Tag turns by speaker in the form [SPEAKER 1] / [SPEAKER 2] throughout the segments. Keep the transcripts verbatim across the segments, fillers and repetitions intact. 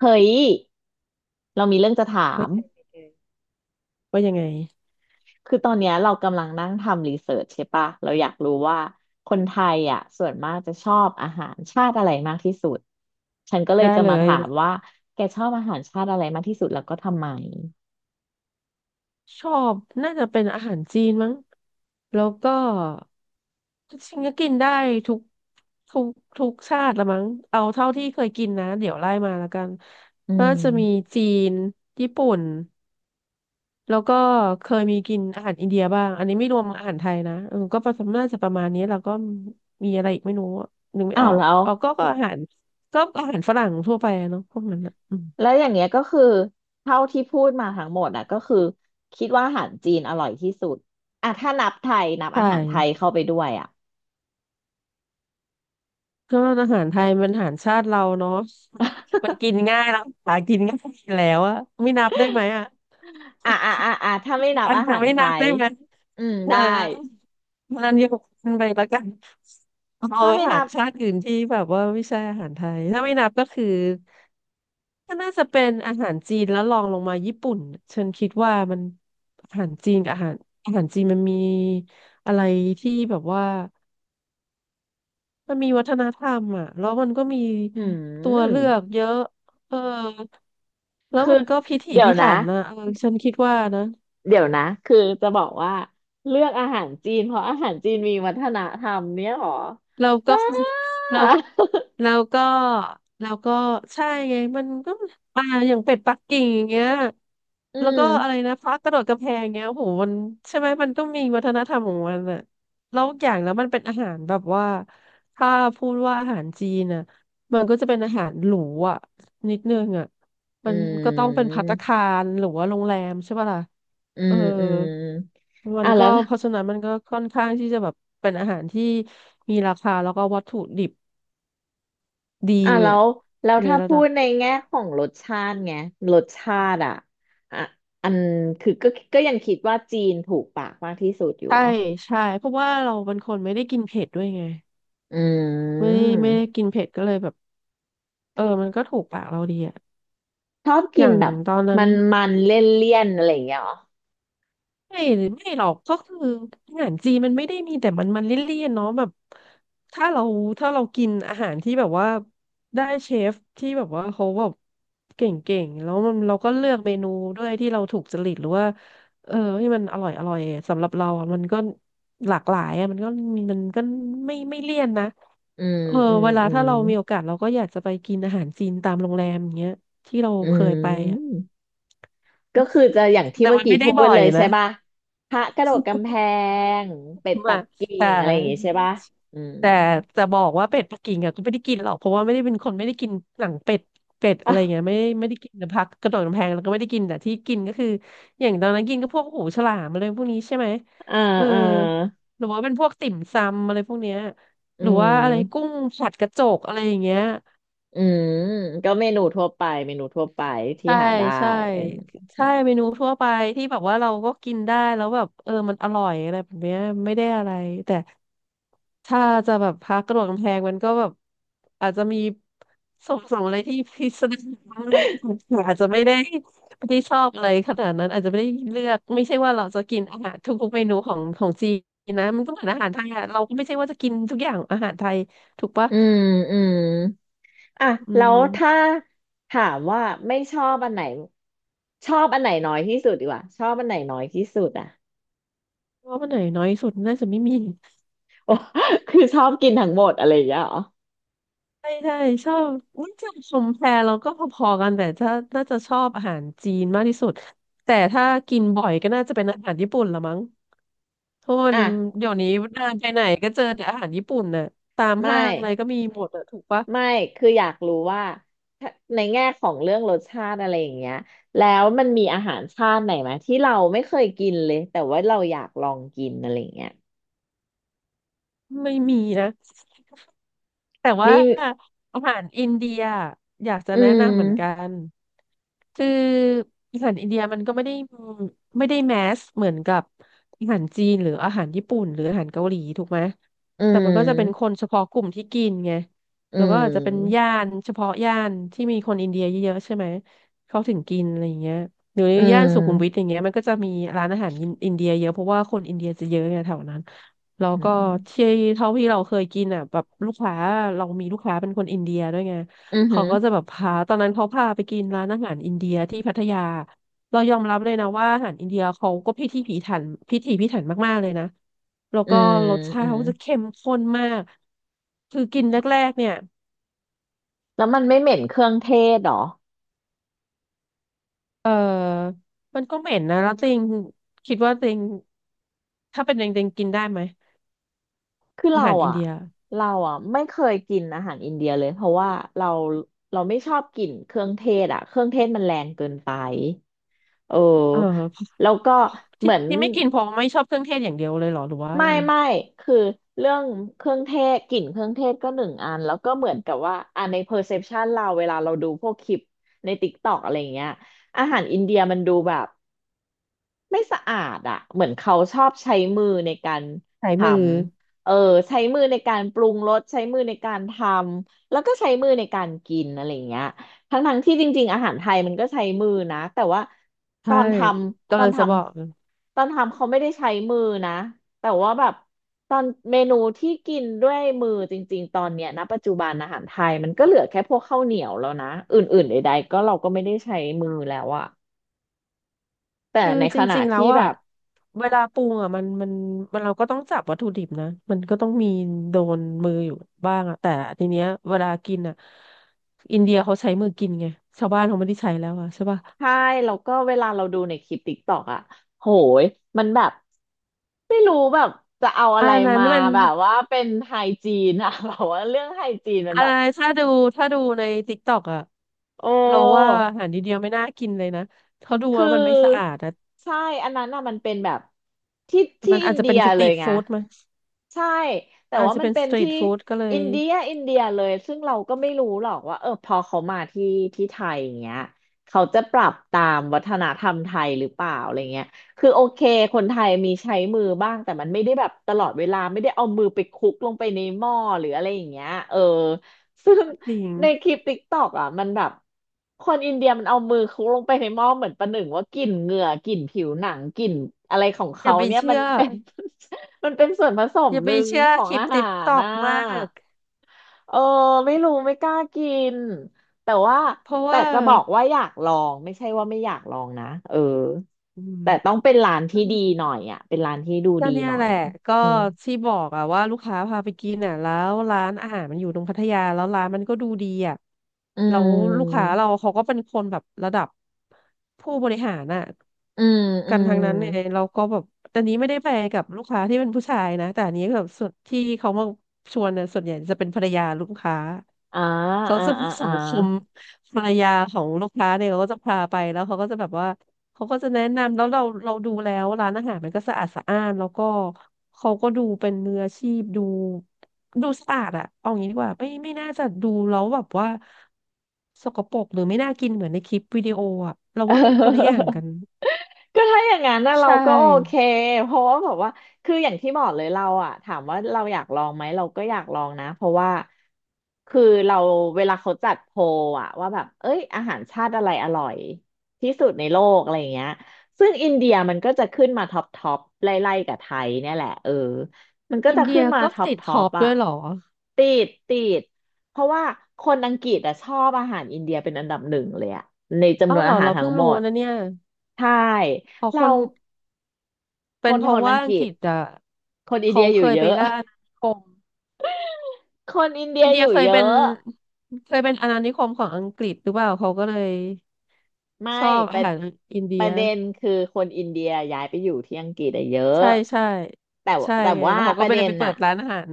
[SPEAKER 1] เฮ้ย เรามีเรื่องจะถา
[SPEAKER 2] ว่า
[SPEAKER 1] ม
[SPEAKER 2] ยังไงว่ายังไง
[SPEAKER 1] คือตอนเนี้ยเรากำลังนั่งทำรีเสิร์ชใช่ปะเราอยากรู้ว่าคนไทยอ่ะส่วนมากจะชอบอาหารชาติอะไรมากที่สุด ฉันก็เลย
[SPEAKER 2] ได้
[SPEAKER 1] จะ
[SPEAKER 2] เล
[SPEAKER 1] มา
[SPEAKER 2] ย
[SPEAKER 1] ถามว่า แกชอบอาหารชาติอะไรมากที่สุดแล้วก็ทำไม
[SPEAKER 2] ชอบน่าจะเป็นอาหารจีนมั้งแล้วก็จริงๆก็กินได้ทุกทุกทุกชาติละมั้งเอาเท่าที่เคยกินนะเดี๋ยวไล่มาแล้วกัน
[SPEAKER 1] อื
[SPEAKER 2] น่า
[SPEAKER 1] ม
[SPEAKER 2] จะมีจีนญี่ปุ่นแล้วก็เคยมีกินอาหารอินเดียบ้างอันนี้ไม่รวมอาหารไทยนะเออก็ประมาณน่าจะประมาณนี้แล้วก็มีอะไรอีกไม่รู้อะนึกไม่
[SPEAKER 1] อ้า
[SPEAKER 2] อ
[SPEAKER 1] ว
[SPEAKER 2] อก
[SPEAKER 1] แล้ว
[SPEAKER 2] อ๋อก็ก็อาหารก็อาหารฝรั่งทั่วไปอะเนาะพวกนั้นอะอืม
[SPEAKER 1] แล้วอย่างเงี้ยก็คือเท่าที่พูดมาทั้งหมดอ่ะก็คือคิดว่าอาหารจีนอร่อยที่สุดอ่ะถ้านับไทยนับ
[SPEAKER 2] ใช่
[SPEAKER 1] อาหารไทยเข้าไปด้วยอ่ะ
[SPEAKER 2] ก็อาหารไทยเป็นอาหารชาติเราเนาะมันกินง่ายแล้วหากินง่ายอยู่แล้วอะไม่นับได้ไหมอะ
[SPEAKER 1] อ่ะอ่ะอ่ะอ่ะถ้าไม่นับ
[SPEAKER 2] อัน
[SPEAKER 1] อา
[SPEAKER 2] นั้น
[SPEAKER 1] หาร
[SPEAKER 2] ไม่
[SPEAKER 1] ไท
[SPEAKER 2] นับ
[SPEAKER 1] ย
[SPEAKER 2] ได้ไหม
[SPEAKER 1] อืม
[SPEAKER 2] เออ
[SPEAKER 1] ได้
[SPEAKER 2] มันยกมันไปแล้วกันเอา
[SPEAKER 1] ถ้า
[SPEAKER 2] อา
[SPEAKER 1] ไม่
[SPEAKER 2] หา
[SPEAKER 1] นั
[SPEAKER 2] ร
[SPEAKER 1] บ
[SPEAKER 2] ชาติอื่นที่แบบว่าไม่ใช่อาหารไทยถ้าไม่นับก็คือก็น่าจะเป็นอาหารจีนแล้วลองลงมาญี่ปุ่นฉันคิดว่ามันอาหารจีนกับอาหารอาหารจีนมันมีอะไรที่แบบว่า มันมีวัฒนธรรมอ่ะแล้วมันก็มี
[SPEAKER 1] หื
[SPEAKER 2] ตัว
[SPEAKER 1] ม
[SPEAKER 2] เลือกเยอะเออแล้วมันก็พิถี
[SPEAKER 1] เดี๋ยว
[SPEAKER 2] พิ
[SPEAKER 1] นะ
[SPEAKER 2] ถันนะเออฉันคิดว่านะ
[SPEAKER 1] เดี๋ยวนะคือจะบอกว่าเลือกอาหารจีนเพราะอาหารจีนมีวัฒนธรรมเนี่ยหรอ
[SPEAKER 2] เราก็
[SPEAKER 1] บ้า
[SPEAKER 2] เราเราก็เราก็ใช่ไงมันก็มาอย่างเป็ดปักกิ่งอย่างเงี้ย
[SPEAKER 1] อื
[SPEAKER 2] แล้วก็
[SPEAKER 1] ม
[SPEAKER 2] อะไรนะพระกระโดดกระแพงเงี้ยโอ้โหมันใช่ไหมมันก็มีวัฒนธรรมของมันอ่ะแล้วอย่างแล้วมันเป็นอาหารแบบว่าถ้าพูดว่าอาหารจีนอะมันก็จะเป็นอาหารหรูอ่ะนิดนึงอ่ะ
[SPEAKER 1] อื
[SPEAKER 2] มันก็ต้องเป็นภัตตา
[SPEAKER 1] ม
[SPEAKER 2] คารหรือว่าโรงแรมใช่ป่ะล่ะ
[SPEAKER 1] อื
[SPEAKER 2] เออ
[SPEAKER 1] มอืม
[SPEAKER 2] มั
[SPEAKER 1] อ่ะ
[SPEAKER 2] นก็
[SPEAKER 1] แล้ว
[SPEAKER 2] เพราะฉะนั้นมันก็ค่อนข้างที่จะแบบเป็นอาหารที่มีราคาแล้วก็วัตถุดิบดี
[SPEAKER 1] อ่ะแล้
[SPEAKER 2] เนี่ย
[SPEAKER 1] วแล้ว
[SPEAKER 2] ใน
[SPEAKER 1] ถ้า
[SPEAKER 2] ระ
[SPEAKER 1] พู
[SPEAKER 2] ดับ
[SPEAKER 1] ดในแง่ของรสชาติไงรสชาติอ่ะอ่ะอันคือก็ก็ยังคิดว่าจีนถูกปากมากที่สุดอยู่
[SPEAKER 2] ใช่
[SPEAKER 1] เหรอ
[SPEAKER 2] ใช่เพราะว่าเราเป็นคนไม่ได้กินเผ็ดด้วยไง
[SPEAKER 1] อื
[SPEAKER 2] ไม่ได้
[SPEAKER 1] ม
[SPEAKER 2] ไม่ได้กินเผ็ดก็เลยแบบเออมันก็ถูกปากเราดีอะ
[SPEAKER 1] ชอบ
[SPEAKER 2] อ
[SPEAKER 1] กิ
[SPEAKER 2] ย่า
[SPEAKER 1] น
[SPEAKER 2] ง
[SPEAKER 1] แบบ
[SPEAKER 2] ตอนนั้
[SPEAKER 1] มั
[SPEAKER 2] น
[SPEAKER 1] นมันเลี่ยนเลี่ยนอะไรอย่างเงี้ยเหรอ
[SPEAKER 2] ไม่หรือไม่หรอกก็คืออาหารจีนมันไม่ได้มีแต่มันมันเลี่ยนๆเนาะแบบถ้าเราถ้าเรากินอาหารที่แบบว่าได้เชฟที่แบบว่าเขาแบบเก่งๆแล้วมันเราก็เลือกเมนูด้วยที่เราถูกจริตหรือว่าเออที่มันอร่อยอร่อยสำหรับเราอะมันก็หลากหลายอะมันก็มันก็ไม่ไม่เลี่ยนนะ
[SPEAKER 1] อืม
[SPEAKER 2] เออ
[SPEAKER 1] อืม
[SPEAKER 2] เวลา
[SPEAKER 1] อื
[SPEAKER 2] ถ้า
[SPEAKER 1] ม
[SPEAKER 2] เรามีโอกาสเราก็อยากจะไปกินอาหารจีนตามโรงแรมอย่างเงี้ยที่เรา
[SPEAKER 1] อื
[SPEAKER 2] เคยไปอะ
[SPEAKER 1] มก็คือจะอย่างที่
[SPEAKER 2] แต่
[SPEAKER 1] เมื่อ
[SPEAKER 2] มัน
[SPEAKER 1] กี้
[SPEAKER 2] ไม่ได้
[SPEAKER 1] พูด
[SPEAKER 2] บ่อ
[SPEAKER 1] เล
[SPEAKER 2] ย
[SPEAKER 1] ยใช่
[SPEAKER 2] นะ
[SPEAKER 1] ป่ะพระกระโดดกำแพงเป็ด ปั
[SPEAKER 2] มา
[SPEAKER 1] กกิ่
[SPEAKER 2] แต่
[SPEAKER 1] งอะไรอย่างงี้ใช่ป่ะอืม
[SPEAKER 2] แต่จะบอกว่าเป็ดปักกิ่งอะก็ไม่ได้กินหรอกเพราะว่าไม่ได้เป็นคนไม่ได้กินหนังเป็ดเป็ดอะไรเงี้ย
[SPEAKER 1] อ่ะ
[SPEAKER 2] ไม่ไม่ได้กินนต่ผักกระโดดกำแพงแล้วก็ไม่ได้กินแต่ที่กินก็คืออย่างตอนนั้นกินก็พวกหูฉลามอะไรพวกนี้ใช่ไหม
[SPEAKER 1] อ่า
[SPEAKER 2] เออ
[SPEAKER 1] อา
[SPEAKER 2] หรือว่าเป็นพวกติ่มซำอะไรพวกเนี้ย
[SPEAKER 1] อื
[SPEAKER 2] หรือว่าอะไรกุ้
[SPEAKER 1] ม
[SPEAKER 2] งผัดกระจกอะไรอย่างเงี้ย
[SPEAKER 1] อืมก็เมนูทั่วไปเมนูทั่วไปที่
[SPEAKER 2] ใช่
[SPEAKER 1] หาได้
[SPEAKER 2] ใช่
[SPEAKER 1] เออ
[SPEAKER 2] ใช่เมนูทั่วไปที่แบบว่าเราก็กินได้แล้วแบบเออมันอร่อยอะไรแบบเนี้ยไม่ได้อะไรแต่ ถ้าจะแบบพักกระโดดกำแพงมันก็แบบอาจจะมีส่งส่งอะไรที่พิสดารอะไรที่อาจจะไม่ได้ไม่ได้ชอบอะไรขนาดนั้นอาจจะไม่ได้เลือกไม่ใช่ว่าเราจะกินอาหารทุกๆเมนูของของจีนนะมันก็เหมือนอาหารไทยอะเราก็ไม่ใช่ว่าจะกินทุกอย่างอาหารไทยถูกปะ
[SPEAKER 1] อืมอืมอ่ะ
[SPEAKER 2] อื
[SPEAKER 1] แล้วถ้า
[SPEAKER 2] ม
[SPEAKER 1] ถามว่าไม่ชอบอันไหนชอบอันไหนน้อยที่สุดดีกว่าชอบอันไหนน้อยที่สุดอ่ะ
[SPEAKER 2] ว่ามันไหนน้อยสุดน่าจะไม่มี
[SPEAKER 1] โอ้ คือชอบกินทั้งหมดอะไรอย่างเงี้ยเหรอ
[SPEAKER 2] ใช่ใช่ชอบน่าจะชมแพรเราก็พอๆกันแต่ถ้าน่าจะชอบอาหารจีนมากที่สุดแต่ถ้ากินบ่อยก็น่าจะเป็นอาหารญี่ปุ่นละมั้ง ทุน
[SPEAKER 1] อ่ะ
[SPEAKER 2] เดี๋ยวนี้เดินไปไหนก็เจอแต่อาหารญี่ปุ่นน่ะตาม
[SPEAKER 1] ไม่
[SPEAKER 2] ห้างอะไรก็มีหมดอะถูกปะ
[SPEAKER 1] ไม่คืออยากรู้ว่าถ้าในแง่ของเรื่องรสชาติอะไรอย่างเงี้ยแล้วมันมีอาหารชาติไหนไหมที่เราไม่เคยกินเลยแต่ว่าเราอยากลองกินอะไรอย่างเงี้ย
[SPEAKER 2] ไม่มีนะ แต่ว่า
[SPEAKER 1] มี
[SPEAKER 2] อาหารอินเดียอยากจะ
[SPEAKER 1] อื
[SPEAKER 2] แนะนำเหมือนกั
[SPEAKER 1] ม
[SPEAKER 2] นคืออาหารอินเดียมันก็ไม่ได้ไม่ได้แมสเหมือนกับอาหารจีนหรืออาหารญี่ปุ่นหรืออาหารเกาหลีถูกไหม
[SPEAKER 1] อื
[SPEAKER 2] แต่มันก็จะเป็นค
[SPEAKER 1] ม
[SPEAKER 2] นเฉพาะกลุ่มที่กินไง
[SPEAKER 1] อื
[SPEAKER 2] แล้วก็อาจจะเป็นย่า
[SPEAKER 1] ม
[SPEAKER 2] นเฉพาะย่านที่มีคนอินเดียเยอะๆใช่ไหมเขาถึงกินอะไรอย่างเงี้ยหรือ
[SPEAKER 1] อื
[SPEAKER 2] ย่านสุขุมวิทอ
[SPEAKER 1] ม
[SPEAKER 2] ย่างเงี้ยมันก็จะมีร้านอาหารอินอินเดียเยอะเพราะว่าคนอินเดียจะเยอะไงแถวนั้น แล้ว
[SPEAKER 1] อื
[SPEAKER 2] ก็
[SPEAKER 1] ม
[SPEAKER 2] ที่เท่าที่เราเคยกินอ่ะแบบลูกค้าเรามีลูกค้าเป็นคนอินเดียด้วยไง
[SPEAKER 1] อืมอหื
[SPEAKER 2] เขา
[SPEAKER 1] อ
[SPEAKER 2] ก็จะแบบพาตอนนั้นเขาพาไปกินร้านอาหารอินเดียที่พัทยาเรายอมรับเลยนะว่าอาหารอินเดียเขาก็พิถีพิถันพิถีพิถันมากๆเลยนะแล้ว
[SPEAKER 1] อื
[SPEAKER 2] ก็
[SPEAKER 1] ม
[SPEAKER 2] รสชา
[SPEAKER 1] อื
[SPEAKER 2] ติ
[SPEAKER 1] ม
[SPEAKER 2] เขาจะเข้มข้นมากคือกินแรกๆเนี่ย
[SPEAKER 1] แล้วมันไม่เหม็นเครื่องเทศเหรอ
[SPEAKER 2] เออมันก็เหม็นนะแล้วตัวเองคิดว่าตัวเองถ้าเป็นตัวเองตัวเองกินได้ไหม
[SPEAKER 1] คือ
[SPEAKER 2] อา
[SPEAKER 1] เรา
[SPEAKER 2] หารอิน
[SPEAKER 1] อ่ะ
[SPEAKER 2] เดีย
[SPEAKER 1] เราอ่ะไม่เคยกินอาหารอินเดียเลยเพราะว่าเราเราไม่ชอบกลิ่นเครื่องเทศอ่ะเครื่องเทศมันแรงเกินไป เออ
[SPEAKER 2] เออ
[SPEAKER 1] แล้วก็เห
[SPEAKER 2] ที่
[SPEAKER 1] มือน
[SPEAKER 2] ที่ไม่กินเพราะไม่ชอบเครื่องเทศอย่างเดียวเลยเหรอหรือว่าอะ
[SPEAKER 1] ไม่
[SPEAKER 2] ไร
[SPEAKER 1] ไม่คือเรื่องเครื่องเทศกลิ่นเครื่องเทศก็หนึ่งอันแล้วก็เหมือนกับว่าอ่ะใน perception เราเวลาเราดูพวกคลิปใน TikTok อะไรอย่างเงี้ยอาหารอินเดียมันดูแบบ ไม่สะอาดอ่ะเหมือนเขาชอบใช้มือในการ
[SPEAKER 2] ใช้
[SPEAKER 1] ท
[SPEAKER 2] มือ
[SPEAKER 1] ำเออใช้มือในการปรุงรสใช้มือในการทำแล้วก็ใช้มือในการกินอะไรอย่างเงี้ยทั้งทั้งที่จริงๆอาหารไทยมันก็ใช้มือนะแต่ว่าต
[SPEAKER 2] ใช่
[SPEAKER 1] อนท
[SPEAKER 2] ต
[SPEAKER 1] ำ
[SPEAKER 2] อ
[SPEAKER 1] ตอ
[SPEAKER 2] น
[SPEAKER 1] นท
[SPEAKER 2] จะบอกเลย
[SPEAKER 1] ำตอนทำเขาไม่ได้ใช้มือนะแต่ว่าแบบตอนเมนูที่กินด้วยมือจริงๆตอนเนี้ยนะปัจจุบันอาหารไทยมันก็เหลือแค่พวกข้าวเหนียวแล้วนะอื่นๆใดๆก็เราก็ไม่ได้ใช้มือแล้วอะแต่
[SPEAKER 2] คือ
[SPEAKER 1] ใน
[SPEAKER 2] จ
[SPEAKER 1] ขณะ
[SPEAKER 2] ริงๆแล้
[SPEAKER 1] ที่
[SPEAKER 2] ว
[SPEAKER 1] แบ
[SPEAKER 2] อ่ะ
[SPEAKER 1] บ
[SPEAKER 2] เวลาปรุงอ่ะมันมันมันเราก็ต้องจับวัตถุดิบนะมันก็ต้องมีโดนมืออยู่บ้างอ่ะแต่ทีเนี้ยเวลากินอ่ะอินเดียเขาใช้มือกินไงชาวบ้านเขาไม่ได้ใช้แล้วอ่ะใช่ป่ะ
[SPEAKER 1] ใช่แล้วก็เวลาเราดูในคลิปติ๊กตอกอะโหยมันแบบไม่รู้แบบจะเอาอะ
[SPEAKER 2] อั
[SPEAKER 1] ไร
[SPEAKER 2] นนั้น
[SPEAKER 1] มา
[SPEAKER 2] มัน
[SPEAKER 1] แบบว่าเป็นไฮจีนอะ แบบว่าเรื่องไฮจีนมัน
[SPEAKER 2] อัน
[SPEAKER 1] แบบ
[SPEAKER 2] นั้นถ้าดูถ้าดูในติ๊กต็อกอ่ะ
[SPEAKER 1] โอ
[SPEAKER 2] เราว่า
[SPEAKER 1] ้
[SPEAKER 2] อาหารอินเดียไม่น่ากินเลยนะเขาดู
[SPEAKER 1] คื
[SPEAKER 2] แล้วมันไม่สะอา
[SPEAKER 1] อ
[SPEAKER 2] ดนะ
[SPEAKER 1] ใช่อันนั้นน่ะมันเป็นแบบที่ที่
[SPEAKER 2] มัน
[SPEAKER 1] อิ
[SPEAKER 2] อาจ
[SPEAKER 1] น
[SPEAKER 2] จะ
[SPEAKER 1] เดี
[SPEAKER 2] เป็
[SPEAKER 1] ย
[SPEAKER 2] นสต
[SPEAKER 1] เล
[SPEAKER 2] รี
[SPEAKER 1] ย
[SPEAKER 2] ท
[SPEAKER 1] ไง
[SPEAKER 2] ฟู้ดไหม
[SPEAKER 1] ใช่แต่
[SPEAKER 2] อาจ
[SPEAKER 1] ว่า
[SPEAKER 2] จะ
[SPEAKER 1] มัน
[SPEAKER 2] เป็น
[SPEAKER 1] เป็
[SPEAKER 2] ส
[SPEAKER 1] น
[SPEAKER 2] ตรี
[SPEAKER 1] ที่
[SPEAKER 2] ทฟู้ดก็เล
[SPEAKER 1] อิ
[SPEAKER 2] ย
[SPEAKER 1] นเดียอินเดียเลยซึ่งเราก็ไม่รู้หรอกว่าเออพอเขามาที่ที่ไทยอย่างเงี้ยเขาจะปรับตามวัฒนธรรมไทยหรือเปล่าอะไรเงี้ยคือโอเคคนไทยมีใช้มือบ้างแต่มันไม่ได้แบบตลอดเวลาไม่ได้เอามือไปคลุกลงไปในหม้อหรืออะไรอย่างเงี้ยเออซึ่ง
[SPEAKER 2] ก็จริง
[SPEAKER 1] ในคลิปติ๊กตอกอ่ะมันแบบคนอินเดียมันเอามือคลุกลงไปในหม้อเหมือนประหนึ่งว่ากลิ่นเหงื่อกลิ่นผิวหนังกลิ่นอะไรของ
[SPEAKER 2] อ
[SPEAKER 1] เขา
[SPEAKER 2] ย่าไป
[SPEAKER 1] เนี่ย
[SPEAKER 2] เชื่
[SPEAKER 1] มัน
[SPEAKER 2] อ
[SPEAKER 1] เป็น มันเป็นส่วนผส
[SPEAKER 2] อ
[SPEAKER 1] ม
[SPEAKER 2] ย่า
[SPEAKER 1] ห
[SPEAKER 2] ไป
[SPEAKER 1] นึ่ง
[SPEAKER 2] เชื่อ
[SPEAKER 1] ของ
[SPEAKER 2] คลิป
[SPEAKER 1] อาหา
[SPEAKER 2] ติ๊กต
[SPEAKER 1] ร
[SPEAKER 2] อก
[SPEAKER 1] น่ะ
[SPEAKER 2] มาก
[SPEAKER 1] เออไม่รู้ไม่กล้ากินแต่ว่า
[SPEAKER 2] เพราะ
[SPEAKER 1] แต่
[SPEAKER 2] ว่า
[SPEAKER 1] จะบอกว่าอยากลองไม่ใช่ว่าไม่อยากลองนะเออ
[SPEAKER 2] อืม
[SPEAKER 1] แต่ต้องเป็นร้าน
[SPEAKER 2] อื
[SPEAKER 1] ที่
[SPEAKER 2] ม
[SPEAKER 1] ดีหน่อยอ่ะเป็นร้านที่ดู
[SPEAKER 2] ก็
[SPEAKER 1] ดี
[SPEAKER 2] เนี่ย
[SPEAKER 1] หน่อ
[SPEAKER 2] แห
[SPEAKER 1] ย
[SPEAKER 2] ละก็
[SPEAKER 1] อืม
[SPEAKER 2] ที่บอกอะว่าลูกค้าพาไปกินอะแล้วร้านอาหารมันอยู่ตรงพัทยาแล้วร้านมันก็ดูดีอะ
[SPEAKER 1] อื
[SPEAKER 2] แล้วลูกค้า
[SPEAKER 1] ม
[SPEAKER 2] เราเขาก็เป็นคนแบบระดับผู้บริหารอะ
[SPEAKER 1] อืมอื
[SPEAKER 2] กัน
[SPEAKER 1] ม
[SPEAKER 2] ทางนั้นเนี่ยเราก็แบบแต่นี้ไม่ได้ไปกับลูกค้าที่เป็นผู้ชายนะแต่อันนี้แบบส่วนที่เขามาชวนเนี่ยส่วนใหญ่จะเป็นภรรยาลูกค้า
[SPEAKER 1] อ่า
[SPEAKER 2] เขา
[SPEAKER 1] อ่า
[SPEAKER 2] จะมี
[SPEAKER 1] อ่า
[SPEAKER 2] สั
[SPEAKER 1] อ่า
[SPEAKER 2] งคมภรรยาของลูกค้าเนี่ยเขาก็จะพาไปแล้วเขาก็จะแบบว่าเขาก็จะแนะนำแล้วเราเราดูแล้วร้านอาหารมันก็สะอาดสะอ้านแล้วก็เขาก็ดูเป็นมืออาชีพดูดูสะอาดอะเอางี้ดีกว่าไม่ไม่น่าจะดูแล้วแบบว่าสกปรกหรือไม่น่ากินเหมือนในคลิปวิดีโออะเรา
[SPEAKER 1] เ
[SPEAKER 2] ว่ามันคนละอย่า
[SPEAKER 1] ออ
[SPEAKER 2] งกัน
[SPEAKER 1] ก็ถ้าอย่างนั้นนะเรา
[SPEAKER 2] ใช
[SPEAKER 1] ก็โอเค
[SPEAKER 2] ่
[SPEAKER 1] เพราะว่าแบบว่าคืออย่างที่บอกเลยเราอะถามว่าเราอยากลองไหมเราก็อยากลองนะเพราะว่าคือเราเวลาเขาจัดโพลอะว่าแบบเอ้ยอาหารชาติอะไรอร่อยที่สุดในโลกอะไรอย่างเงี้ยซึ่งอินเดียมันก็จะขึ้นมาท็อปท็อปไล่ๆกับไทยเนี่ยแหละเออมันก็
[SPEAKER 2] อิ
[SPEAKER 1] จะ
[SPEAKER 2] นเดี
[SPEAKER 1] ขึ้
[SPEAKER 2] ย
[SPEAKER 1] นมา
[SPEAKER 2] ก็
[SPEAKER 1] ท็อป
[SPEAKER 2] ติด
[SPEAKER 1] ท็อ
[SPEAKER 2] ท็อ
[SPEAKER 1] ป
[SPEAKER 2] ป
[SPEAKER 1] อะ
[SPEAKER 2] ด้วยเหรอ
[SPEAKER 1] ติดติดเพราะว่าคนอังกฤษอะชอบอาหารอินเดียเป็นอันดับหนึ่งเลยอะในจำน
[SPEAKER 2] เอ้า
[SPEAKER 1] วน
[SPEAKER 2] เหรอ
[SPEAKER 1] อาหาร
[SPEAKER 2] เรา
[SPEAKER 1] ทั้ง
[SPEAKER 2] เพิ่ง
[SPEAKER 1] หม
[SPEAKER 2] รู้
[SPEAKER 1] ด
[SPEAKER 2] นะเนี่ย
[SPEAKER 1] ใช่
[SPEAKER 2] อ๋อค
[SPEAKER 1] เรา
[SPEAKER 2] น
[SPEAKER 1] ค
[SPEAKER 2] เป็น
[SPEAKER 1] น
[SPEAKER 2] เพ
[SPEAKER 1] ค
[SPEAKER 2] ราะ
[SPEAKER 1] น
[SPEAKER 2] ว่า
[SPEAKER 1] อัง
[SPEAKER 2] อั
[SPEAKER 1] ก
[SPEAKER 2] งก
[SPEAKER 1] ฤษ
[SPEAKER 2] ฤษอ่ะ
[SPEAKER 1] คนอิน
[SPEAKER 2] เขา
[SPEAKER 1] เดียอ
[SPEAKER 2] เค
[SPEAKER 1] ยู่
[SPEAKER 2] ย
[SPEAKER 1] เย
[SPEAKER 2] ไป
[SPEAKER 1] อะ
[SPEAKER 2] ล่าอาณานิคม
[SPEAKER 1] คนอินเดี
[SPEAKER 2] อิ
[SPEAKER 1] ย
[SPEAKER 2] นเดี
[SPEAKER 1] อ
[SPEAKER 2] ย
[SPEAKER 1] ยู่
[SPEAKER 2] เคย
[SPEAKER 1] เย
[SPEAKER 2] เป็น
[SPEAKER 1] อะ
[SPEAKER 2] เคยเป็นอาณานิคมของอังกฤษหรือเปล่าเขาก็เลย
[SPEAKER 1] ไม่
[SPEAKER 2] ชอบ
[SPEAKER 1] ป
[SPEAKER 2] อา
[SPEAKER 1] ระ
[SPEAKER 2] หารอินเดี
[SPEAKER 1] ป
[SPEAKER 2] ย
[SPEAKER 1] ระเด็นคือคนอินเดียย้ายไปอยู่ที่อังกฤษอะเยอะ
[SPEAKER 2] ใช่ใช่
[SPEAKER 1] แต่ว
[SPEAKER 2] ใช่
[SPEAKER 1] แต่
[SPEAKER 2] ไง
[SPEAKER 1] ว่า
[SPEAKER 2] แล้วเขา
[SPEAKER 1] ป
[SPEAKER 2] ก็
[SPEAKER 1] ระ
[SPEAKER 2] ไปเล
[SPEAKER 1] เด็
[SPEAKER 2] ย
[SPEAKER 1] น
[SPEAKER 2] ไปเปิ
[SPEAKER 1] น่ะ
[SPEAKER 2] ดร้านอาหาร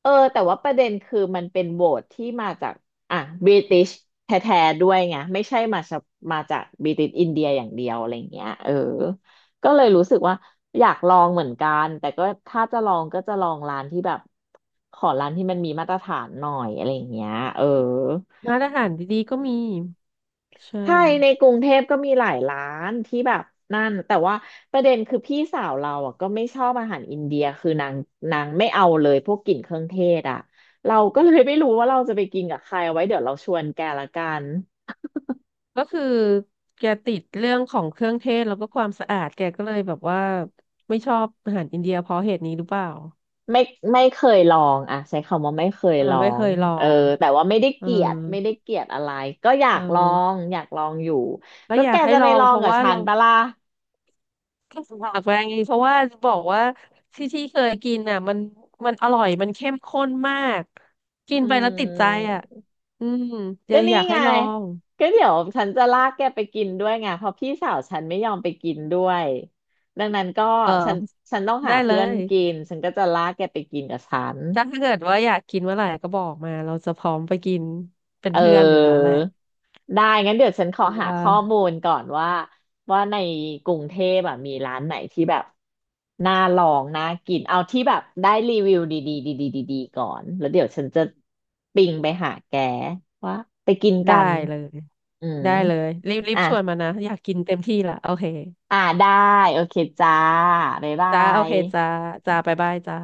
[SPEAKER 1] เออแต่ว่าประเด็นคือมันเป็นโหวตที่มาจากอ่ะบริติชแท้ๆด้วยไงไม่ใช่มาจากมาจากบริติชอินเดียอย่างเดียวอะไรเงี้ยเออก็เลยรู้สึกว่าอยากลองเหมือนกันแต่ก็ถ้าจะลองก็จะลองร้านที่แบบขอร้านที่มันมีมาตรฐานหน่อยอะไรเงี้ยเออ
[SPEAKER 2] ร้านอาหารดีๆก็มีใช่
[SPEAKER 1] ใช่ในกรุงเทพก็มีหลายร้านที่แบบนั่นแต่ว่าประเด็นคือพี่สาวเราอ่ะก็ไม่ชอบอาหารอินเดียคือนางนางไม่เอาเลยพวกกลิ่นเครื่องเทศอ่ะเราก็เลยไม่รู้ว่าเราจะไปกินกับใครเอาไว้เดี๋ยวเราชวนแกละกัน
[SPEAKER 2] ก็คือแกติดเรื่องของเครื่องเทศแล้วก็ความสะอาดแกก็เลยแบบว่าไม่ชอบอาหารอินเดียเพราะเหตุนี้หรือเปล่า
[SPEAKER 1] ไม่ไม่เคยลองอ่ะใช้คำว่าไม่เคย
[SPEAKER 2] อ่า
[SPEAKER 1] ลอ
[SPEAKER 2] ไม่เค
[SPEAKER 1] ง
[SPEAKER 2] ยลอ
[SPEAKER 1] เออ
[SPEAKER 2] ง
[SPEAKER 1] แต่ว่าไม่ได้
[SPEAKER 2] เอ
[SPEAKER 1] เก
[SPEAKER 2] อ
[SPEAKER 1] ลียดไม่ได้เกลียดอะไรก็อยา
[SPEAKER 2] เอ
[SPEAKER 1] กลอง
[SPEAKER 2] อ
[SPEAKER 1] อยากลองอยู่
[SPEAKER 2] แล้ว
[SPEAKER 1] ก็
[SPEAKER 2] อ
[SPEAKER 1] แก
[SPEAKER 2] ยากให้
[SPEAKER 1] จะ
[SPEAKER 2] ล
[SPEAKER 1] ไป
[SPEAKER 2] อ
[SPEAKER 1] ล
[SPEAKER 2] ง
[SPEAKER 1] อ
[SPEAKER 2] เพ
[SPEAKER 1] ง
[SPEAKER 2] ราะ
[SPEAKER 1] กับ
[SPEAKER 2] ว่า
[SPEAKER 1] ฉัน
[SPEAKER 2] เรา
[SPEAKER 1] ปะล่ะ
[SPEAKER 2] ฝากไปเพราะว่าบอกว่าที่ที่เคยกินอ่ะมันมันอร่อยมันเข้มข้นมากกิน
[SPEAKER 1] อื
[SPEAKER 2] ไปแล้วติดใจอ่ะ
[SPEAKER 1] ม
[SPEAKER 2] อืมจะ
[SPEAKER 1] ก็
[SPEAKER 2] อ
[SPEAKER 1] นี่
[SPEAKER 2] ยาก
[SPEAKER 1] ไง
[SPEAKER 2] ให้ลอง
[SPEAKER 1] ก็เดี๋ยวฉันจะลากแกไปกินด้วยไงเพราะพี่สาวฉันไม่ยอมไปกินด้วยดังนั้นก็
[SPEAKER 2] เออ
[SPEAKER 1] ฉันฉันต้อง
[SPEAKER 2] ได้
[SPEAKER 1] หา
[SPEAKER 2] เล
[SPEAKER 1] เพื่อน
[SPEAKER 2] ย
[SPEAKER 1] กินฉันก็จะลากแกไปกินกับฉัน
[SPEAKER 2] ถ้าเกิดว่าอยากกินเมื่อไหร่ก็บอกมาเราจะพร้อมไปกินเป็น
[SPEAKER 1] เอ
[SPEAKER 2] เพื่อนอยู่แล้วแห
[SPEAKER 1] อ
[SPEAKER 2] ละ
[SPEAKER 1] ได้งั้นเดี๋ยวฉันขอ
[SPEAKER 2] คิด
[SPEAKER 1] หา
[SPEAKER 2] ว่า
[SPEAKER 1] ข้อมูลก่อนว่าว่าในกรุงเทพแบบมีร้านไหนที่แบบน่าลองน่ากินเอาที่แบบได้รีวิวดีๆดีๆดีๆก่อนแล้วเดี๋ยวฉันจะปิงไปหาแกว่าไปกินกั
[SPEAKER 2] ได้
[SPEAKER 1] น
[SPEAKER 2] เลย
[SPEAKER 1] อืม
[SPEAKER 2] ได้เลยรีบรีบ
[SPEAKER 1] อ่ะ
[SPEAKER 2] ชวนมานะอยากกินเต็มที่ละโอเค
[SPEAKER 1] อ่าได้โอเคจ้าบ๊ายบา
[SPEAKER 2] จ้าโอ
[SPEAKER 1] ย
[SPEAKER 2] เคจ้าจ้าบ๊ายบายจ้า